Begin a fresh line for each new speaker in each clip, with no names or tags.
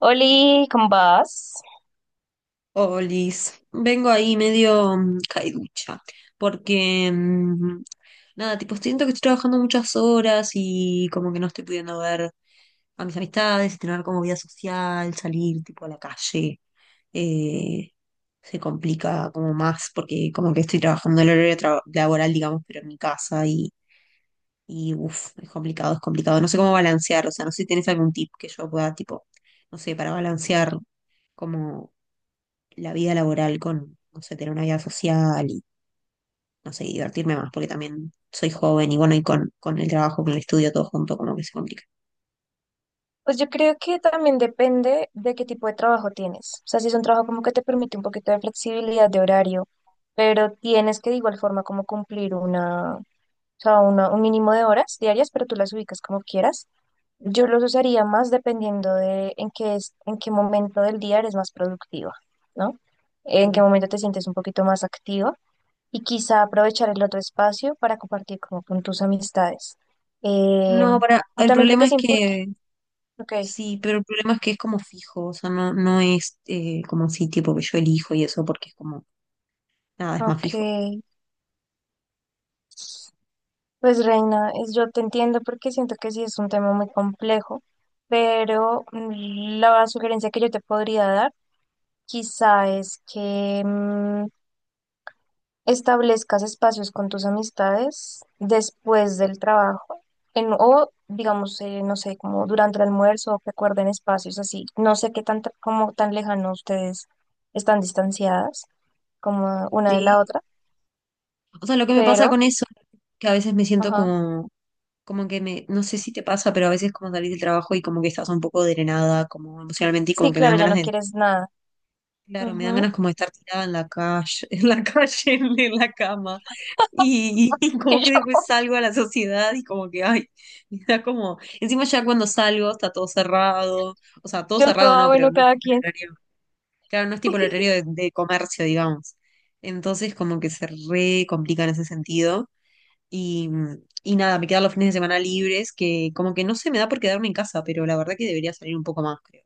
Oli, ¿cómo vas?
Olis, vengo ahí medio caiducha, porque nada, tipo, siento que estoy trabajando muchas horas y como que no estoy pudiendo ver a mis amistades, tener como vida social, salir tipo a la calle. eh, Se complica como más porque como que estoy trabajando el horario laboral, digamos, pero en mi casa y uff, es complicado, es complicado. No sé cómo balancear, o sea, no sé si tienes algún tip que yo pueda, tipo, no sé, para balancear. Como la vida laboral con, no sé, tener una vida social y, no sé, y divertirme más, porque también soy joven y bueno, y con el trabajo, con el estudio, todo junto, como que se complica.
Pues yo creo que también depende de qué tipo de trabajo tienes. O sea, si es un trabajo como que te permite un poquito de flexibilidad de horario, pero tienes que de igual forma como cumplir una, o sea, un mínimo de horas diarias, pero tú las ubicas como quieras. Yo los usaría más dependiendo de en qué es, en qué momento del día eres más productiva, ¿no? En qué
Pero,
momento te sientes un poquito más activa y quizá aprovechar el otro espacio para compartir como con tus amistades. Eh,
no, para,
y
el
también creo que
problema
es
es
importante.
que,
Ok,
sí, pero el problema es que es como fijo, o sea, no, no es como así, tipo que yo elijo y eso, porque es como, nada, es más fijo.
ok. Pues Reina, yo te entiendo porque siento que sí es un tema muy complejo, pero la sugerencia que yo te podría dar quizá es que establezcas espacios con tus amistades después del trabajo o digamos, no sé, como durante el almuerzo que acuerden espacios así. No sé qué tan, como tan lejano ustedes están distanciadas como una de la
Sí,
otra,
o sea, lo que me pasa
pero,
con eso que a veces me siento
ajá.
como, como que me, no sé si te pasa, pero a veces como salís del trabajo y como que estás un poco drenada, como emocionalmente, y como
Sí,
que me dan
claro, ya
ganas
no
de...
quieres nada.
Claro, me dan
Ujú.
ganas como de estar tirada en la calle, en la calle, en la cama. Y como
Y
que
yo,
después salgo a la sociedad y como que, ay, me da como, encima ya cuando salgo está todo cerrado, o sea, todo
yo
cerrado
toda,
no, pero
bueno,
no es
cada
como el
quien.
horario, claro, no es tipo el horario de comercio, digamos. Entonces como que se re complica en ese sentido. Y, y nada, me quedan los fines de semana libres, que como que no se me da por quedarme en casa, pero la verdad que debería salir un poco más, creo.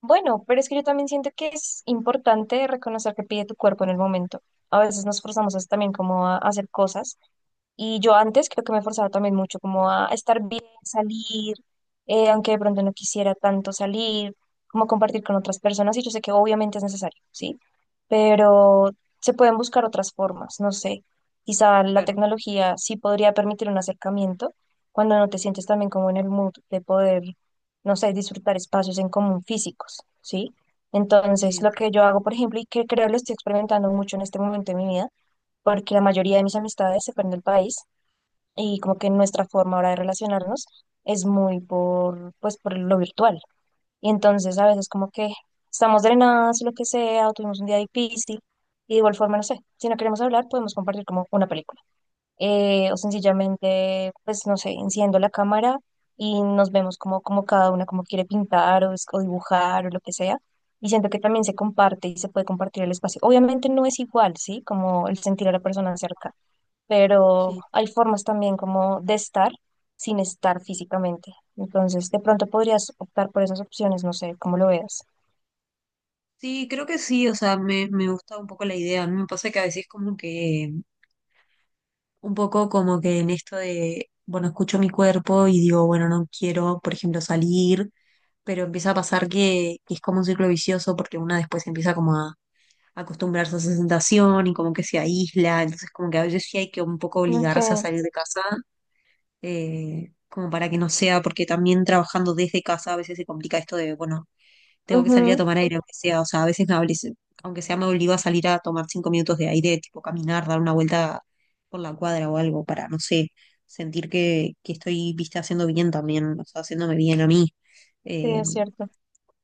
Bueno, pero es que yo también siento que es importante reconocer que pide tu cuerpo en el momento. A veces nos forzamos también como a hacer cosas. Y yo antes creo que me forzaba también mucho como a estar bien, salir, aunque de pronto no quisiera tanto salir, como compartir con otras personas, y yo sé que obviamente es necesario, ¿sí? Pero se pueden buscar otras formas, no sé. Quizá la
Claro,
tecnología sí podría permitir un acercamiento cuando no te sientes también como en el mood de poder, no sé, disfrutar espacios en común físicos, ¿sí? Entonces,
sí,
lo que yo hago, por ejemplo, y que creo lo estoy experimentando mucho en este momento de mi vida, porque la mayoría de mis amistades se fueron del país, y como que nuestra forma ahora de relacionarnos es muy por, pues, por lo virtual. Y entonces a
claro.
veces como que estamos drenadas, lo que sea, o tuvimos un día difícil, y de igual forma, no sé, si no queremos hablar, podemos compartir como una película. O sencillamente, pues, no sé, enciendo la cámara y nos vemos como, como cada una como quiere pintar o, o dibujar o lo que sea. Y siento que también se comparte y se puede compartir el espacio. Obviamente no es igual, ¿sí? Como el sentir a la persona cerca, pero
Sí.
hay formas también como de estar sin estar físicamente. Entonces, de pronto podrías optar por esas opciones, no sé cómo lo veas.
Sí, creo que sí, o sea, me gusta un poco la idea. A mí me pasa que a veces como que, un poco como que en esto de, bueno, escucho mi cuerpo y digo, bueno, no quiero, por ejemplo, salir, pero empieza a pasar que es como un ciclo vicioso porque una después empieza como a acostumbrarse a esa sensación y como que se aísla, entonces como que a veces sí hay que un poco obligarse a
Okay,
salir de casa, como para que no sea, porque también trabajando desde casa a veces se complica esto de, bueno, tengo que salir a
ujú,
tomar aire, aunque sea, o sea, a veces aunque sea me obligo a salir a tomar 5 minutos de aire, tipo caminar, dar una vuelta por la cuadra o algo para, no sé, sentir que estoy, viste, haciendo bien también, o sea, haciéndome bien a mí.
sí,
Eh,
es cierto.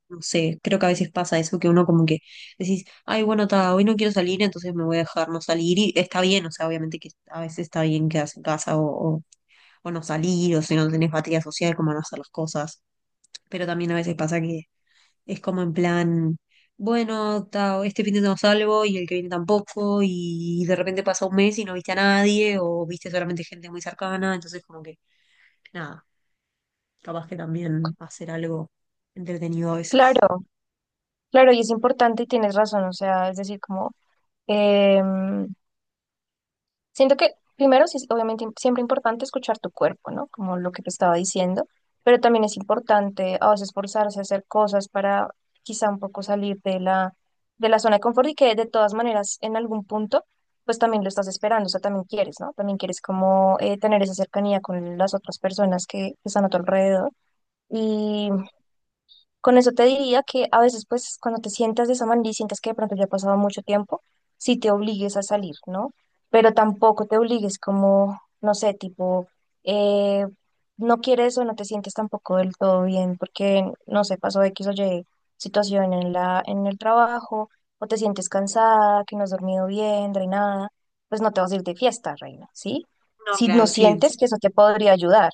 no sé, creo que a veces pasa eso que uno como que decís, ay, bueno, ta, hoy no quiero salir, entonces me voy a dejar no salir y está bien, o sea, obviamente que a veces está bien quedarse en casa o no salir, o si no tenés batería social, como no hacer las cosas, pero también a veces pasa que es como en plan, bueno, este fin de no salgo y el que viene tampoco, y de repente pasa un mes y no viste a nadie, o viste solamente gente muy cercana, entonces como que, nada, capaz que también hacer algo entretenido a veces.
Claro, claro, y es importante y tienes razón, o sea, es decir, como... em, siento que primero sí es obviamente siempre importante escuchar tu cuerpo, ¿no? Como lo que te estaba diciendo, pero también es importante a veces esforzarse a hacer cosas para quizá un poco salir de la zona de confort y que de todas maneras en algún punto pues también lo estás esperando, o sea, también quieres, ¿no? También quieres como tener esa cercanía con las otras personas que están a tu alrededor. Con eso te diría que a veces, pues, cuando te sientas de esa manera y sientes que de pronto ya ha pasado mucho tiempo, sí te obligues a salir, ¿no? Pero tampoco te obligues como, no sé, tipo, eh, no quieres o no te sientes tampoco del todo bien porque, no sé, pasó X o Y situación en la, en el trabajo, o te sientes cansada, que no has dormido bien, drenada, pues no te vas a ir de fiesta, reina, ¿sí?
No,
Si no
claro, sí. Sí,
sientes que eso te podría ayudar,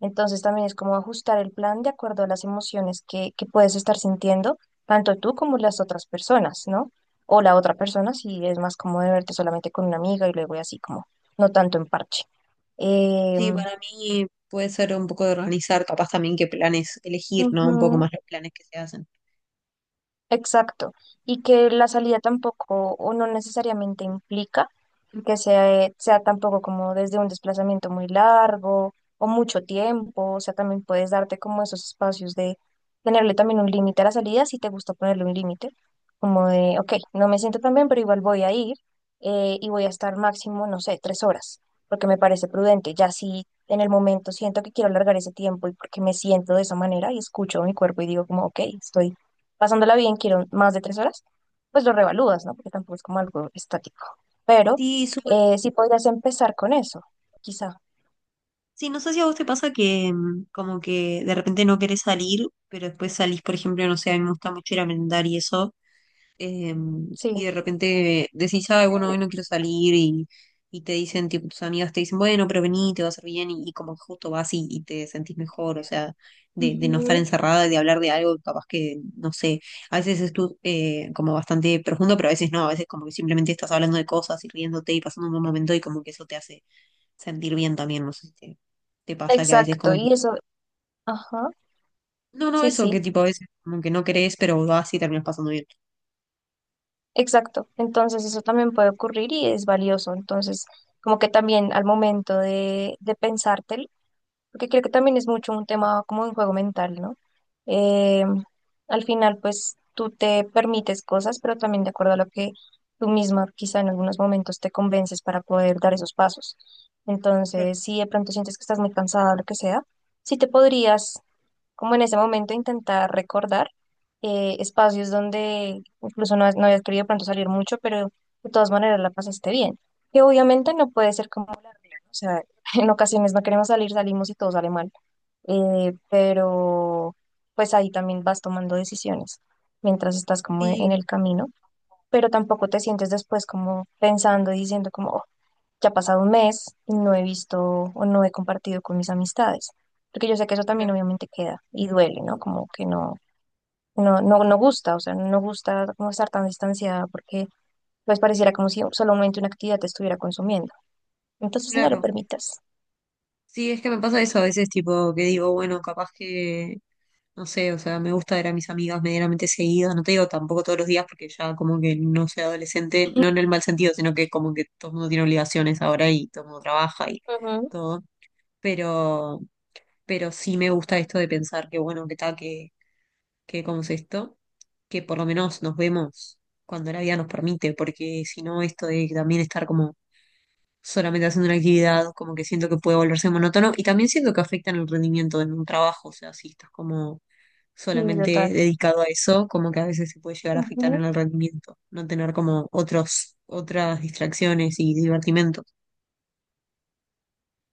entonces también es como ajustar el plan de acuerdo a las emociones que puedes estar sintiendo, tanto tú como las otras personas, ¿no? O la otra persona, si es más cómodo de verte solamente con una amiga y luego y así como, no tanto en parche. Eh,
sí, para mí puede ser un poco de organizar, capaz también qué planes elegir, ¿no? Un poco
ujú.
más los planes que se hacen.
Exacto, y que la salida tampoco o no necesariamente implica que sea, sea tampoco como desde un desplazamiento muy largo o mucho tiempo, o sea, también puedes darte como esos espacios de tenerle también un límite a la salida si te gusta ponerle un límite, como de, ok, no me siento tan bien, pero igual voy a ir, y voy a estar máximo, no sé, tres horas, porque me parece prudente, ya si en el momento siento que quiero alargar ese tiempo y porque me siento de esa manera y escucho mi cuerpo y digo como, ok, estoy pasándola bien, quiero más de tres horas, pues lo revalúas, ¿no? Porque tampoco es como algo estático. Pero
Sí, súper.
sí podrías empezar con eso, quizá.
Sí, no sé si a vos te pasa que como que de repente no querés salir, pero después salís, por ejemplo, no sé, a mí me gusta mucho ir a merendar y eso
Sí.
y de repente decís, ay, bueno, hoy no quiero salir y te dicen, tipo, tus amigas te dicen, bueno, pero vení, te va a hacer bien y como que justo vas y te sentís mejor, o sea, de no estar
Ujú.
encerrada, y de hablar de algo, capaz que, no sé, a veces es como bastante profundo, pero a veces no, a veces como que simplemente estás hablando de cosas y riéndote y pasando un buen momento y como que eso te hace sentir bien también, no sé si te, te pasa que a veces
Exacto.
como...
Y eso, ajá,
No, no,
sí,
eso que
sí,
tipo a veces como que no querés, pero vas y terminas pasando bien.
exacto. Entonces eso también puede ocurrir y es valioso. Entonces, como que también al momento de pensártelo, porque creo que también es mucho un tema como un juego mental, ¿no? Eh, Al final, pues tú te permites cosas, pero también de acuerdo a lo que tú misma quizá en algunos momentos te convences para poder dar esos pasos.
Claro.
Entonces, si de pronto sientes que estás muy cansada o lo que sea, sí te podrías, como en ese momento, intentar recordar espacios donde incluso no, no hayas querido de pronto salir mucho, pero de todas maneras la pasaste bien. Que obviamente no puede ser como, o sea, en ocasiones no queremos salir, salimos y todo sale mal, pero pues ahí también vas tomando decisiones mientras estás como en
Sí,
el camino, pero tampoco te sientes después como pensando y diciendo como, "Oh, ya ha pasado un mes y no he visto o no he compartido con mis amistades", porque yo sé que eso también
claro,
obviamente queda y duele, ¿no? Como que no, no, no, no gusta, o sea, no gusta como estar tan distanciada porque pues pareciera como si solamente una actividad te estuviera consumiendo. Entonces no lo
claro.
permitas.
Sí, es que me pasa eso a veces, tipo, que digo, bueno, capaz que, no sé, o sea, me gusta ver a mis amigas medianamente seguidas, no te digo tampoco todos los días, porque ya como que no soy adolescente, no en el mal sentido, sino que como que todo el mundo tiene obligaciones ahora y todo el mundo trabaja y
Ujú.
todo, pero, pero sí me gusta esto de pensar que, bueno, que tal, que, ¿cómo es esto? Que por lo menos nos vemos cuando la vida nos permite, porque si no, esto de también estar como solamente haciendo una actividad, como que siento que puede volverse monótono y también siento que afectan el rendimiento en un trabajo, o sea, si estás como
Y
solamente
total.
dedicado a eso, como que a veces se puede llegar a afectar en el rendimiento, no tener como otros, otras distracciones y divertimentos.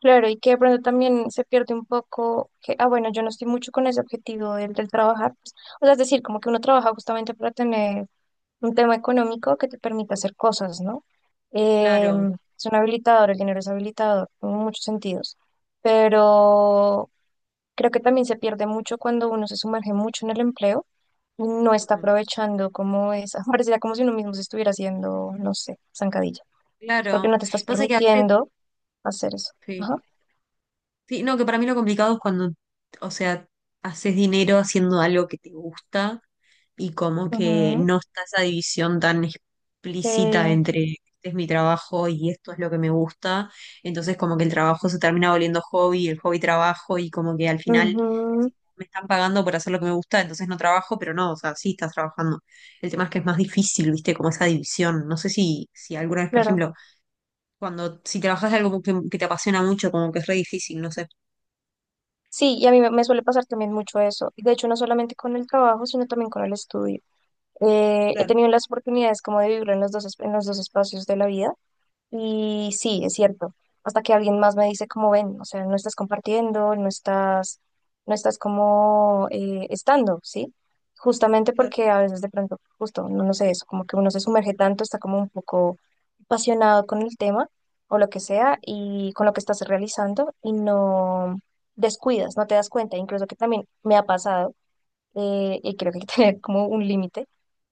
Claro, y que de pronto también se pierde un poco que, ah, bueno, yo no estoy mucho con ese objetivo del, del trabajar. Pues, o sea, es decir, como que uno trabaja justamente para tener un tema económico que te permita hacer cosas, ¿no? Eh,
Claro,
es un habilitador, el dinero es habilitador en muchos sentidos, pero creo que también se pierde mucho cuando uno se sumerge mucho en el empleo y no está
ujú,
aprovechando como esa, pareciera como si uno mismo se estuviera haciendo, no sé, zancadilla, porque
claro.
no te estás
Pasa que a veces,
permitiendo hacer eso.
sí.
Ajá.
Sí, no, que para mí lo complicado es cuando, o sea, haces dinero haciendo algo que te gusta y como que
Ujú.
no está esa división tan explícita
Eh,
entre este es mi trabajo y esto es lo que me gusta. Entonces como que el trabajo se termina volviendo hobby, el hobby trabajo y como que al final
ujú,
decís, me están pagando por hacer lo que me gusta, entonces no trabajo, pero no, o sea, sí estás trabajando. El tema es que es más difícil, viste, como esa división. No sé si, si alguna vez, por
claro.
ejemplo, cuando si trabajas de algo que te apasiona mucho, como que es re difícil, no sé.
Sí, y a mí me suele pasar también mucho eso. De hecho, no solamente con el trabajo, sino también con el estudio. He
Claro,
tenido las oportunidades como de vivirlo en los dos, en los dos espacios de la vida. Y sí, es cierto. Hasta que alguien más me dice cómo ven, o sea, no estás compartiendo, no estás, no estás como estando, ¿sí? Justamente
claro,
porque a veces de pronto, justo, no, no sé eso, como que uno se sumerge tanto, está como un poco apasionado con el tema o lo que sea y con lo que estás realizando y no descuidas, no te das cuenta, incluso que también me ha pasado, y creo que hay que tener como un límite,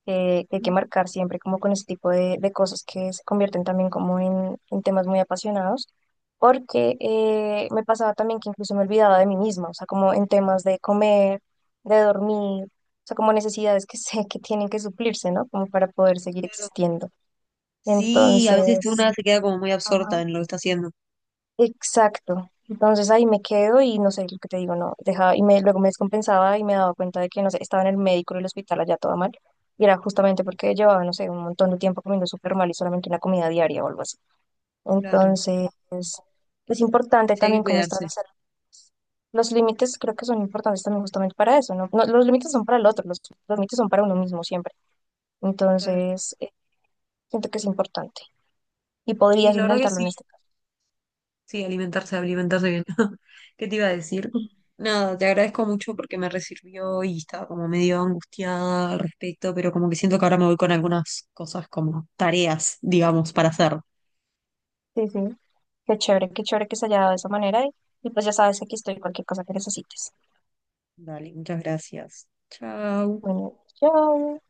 que hay que
mm,
marcar siempre como con este tipo de cosas que se convierten también como en temas muy apasionados, porque me pasaba también que incluso me olvidaba de mí misma, o sea, como en temas de comer, de dormir, o sea, como necesidades que sé que tienen que suplirse, ¿no? Como para poder seguir
claro.
existiendo.
Sí, a veces
Entonces,
una se queda como muy
ajá.
absorta en lo que está haciendo.
Exacto. Entonces ahí me quedo y no sé lo que te digo, no, dejaba y me, luego me descompensaba y me daba cuenta de que no sé, estaba en el médico en el hospital allá toda mal y era justamente porque llevaba, no sé, un montón de tiempo comiendo súper mal y solamente una comida diaria o algo así.
Claro.
Entonces es importante
Sí, hay que
también cómo está la
cuidarse.
salud. Los límites creo que son importantes también justamente para eso, ¿no? No, los límites son para el otro, los límites son para uno mismo siempre.
Claro.
Entonces siento que es importante y
Sí,
podrías
la verdad que
intentarlo en
sí.
este caso.
Sí, alimentarse, alimentarse bien. ¿Qué te iba a decir? Nada, te agradezco mucho porque me resirvió y estaba como medio angustiada al respecto, pero como que siento que ahora me voy con algunas cosas como tareas, digamos, para hacer.
Sí, sí. Qué chévere que se haya dado de esa manera y pues ya sabes que aquí estoy, cualquier cosa que necesites.
Dale, muchas gracias. Chao.
Bueno, chao.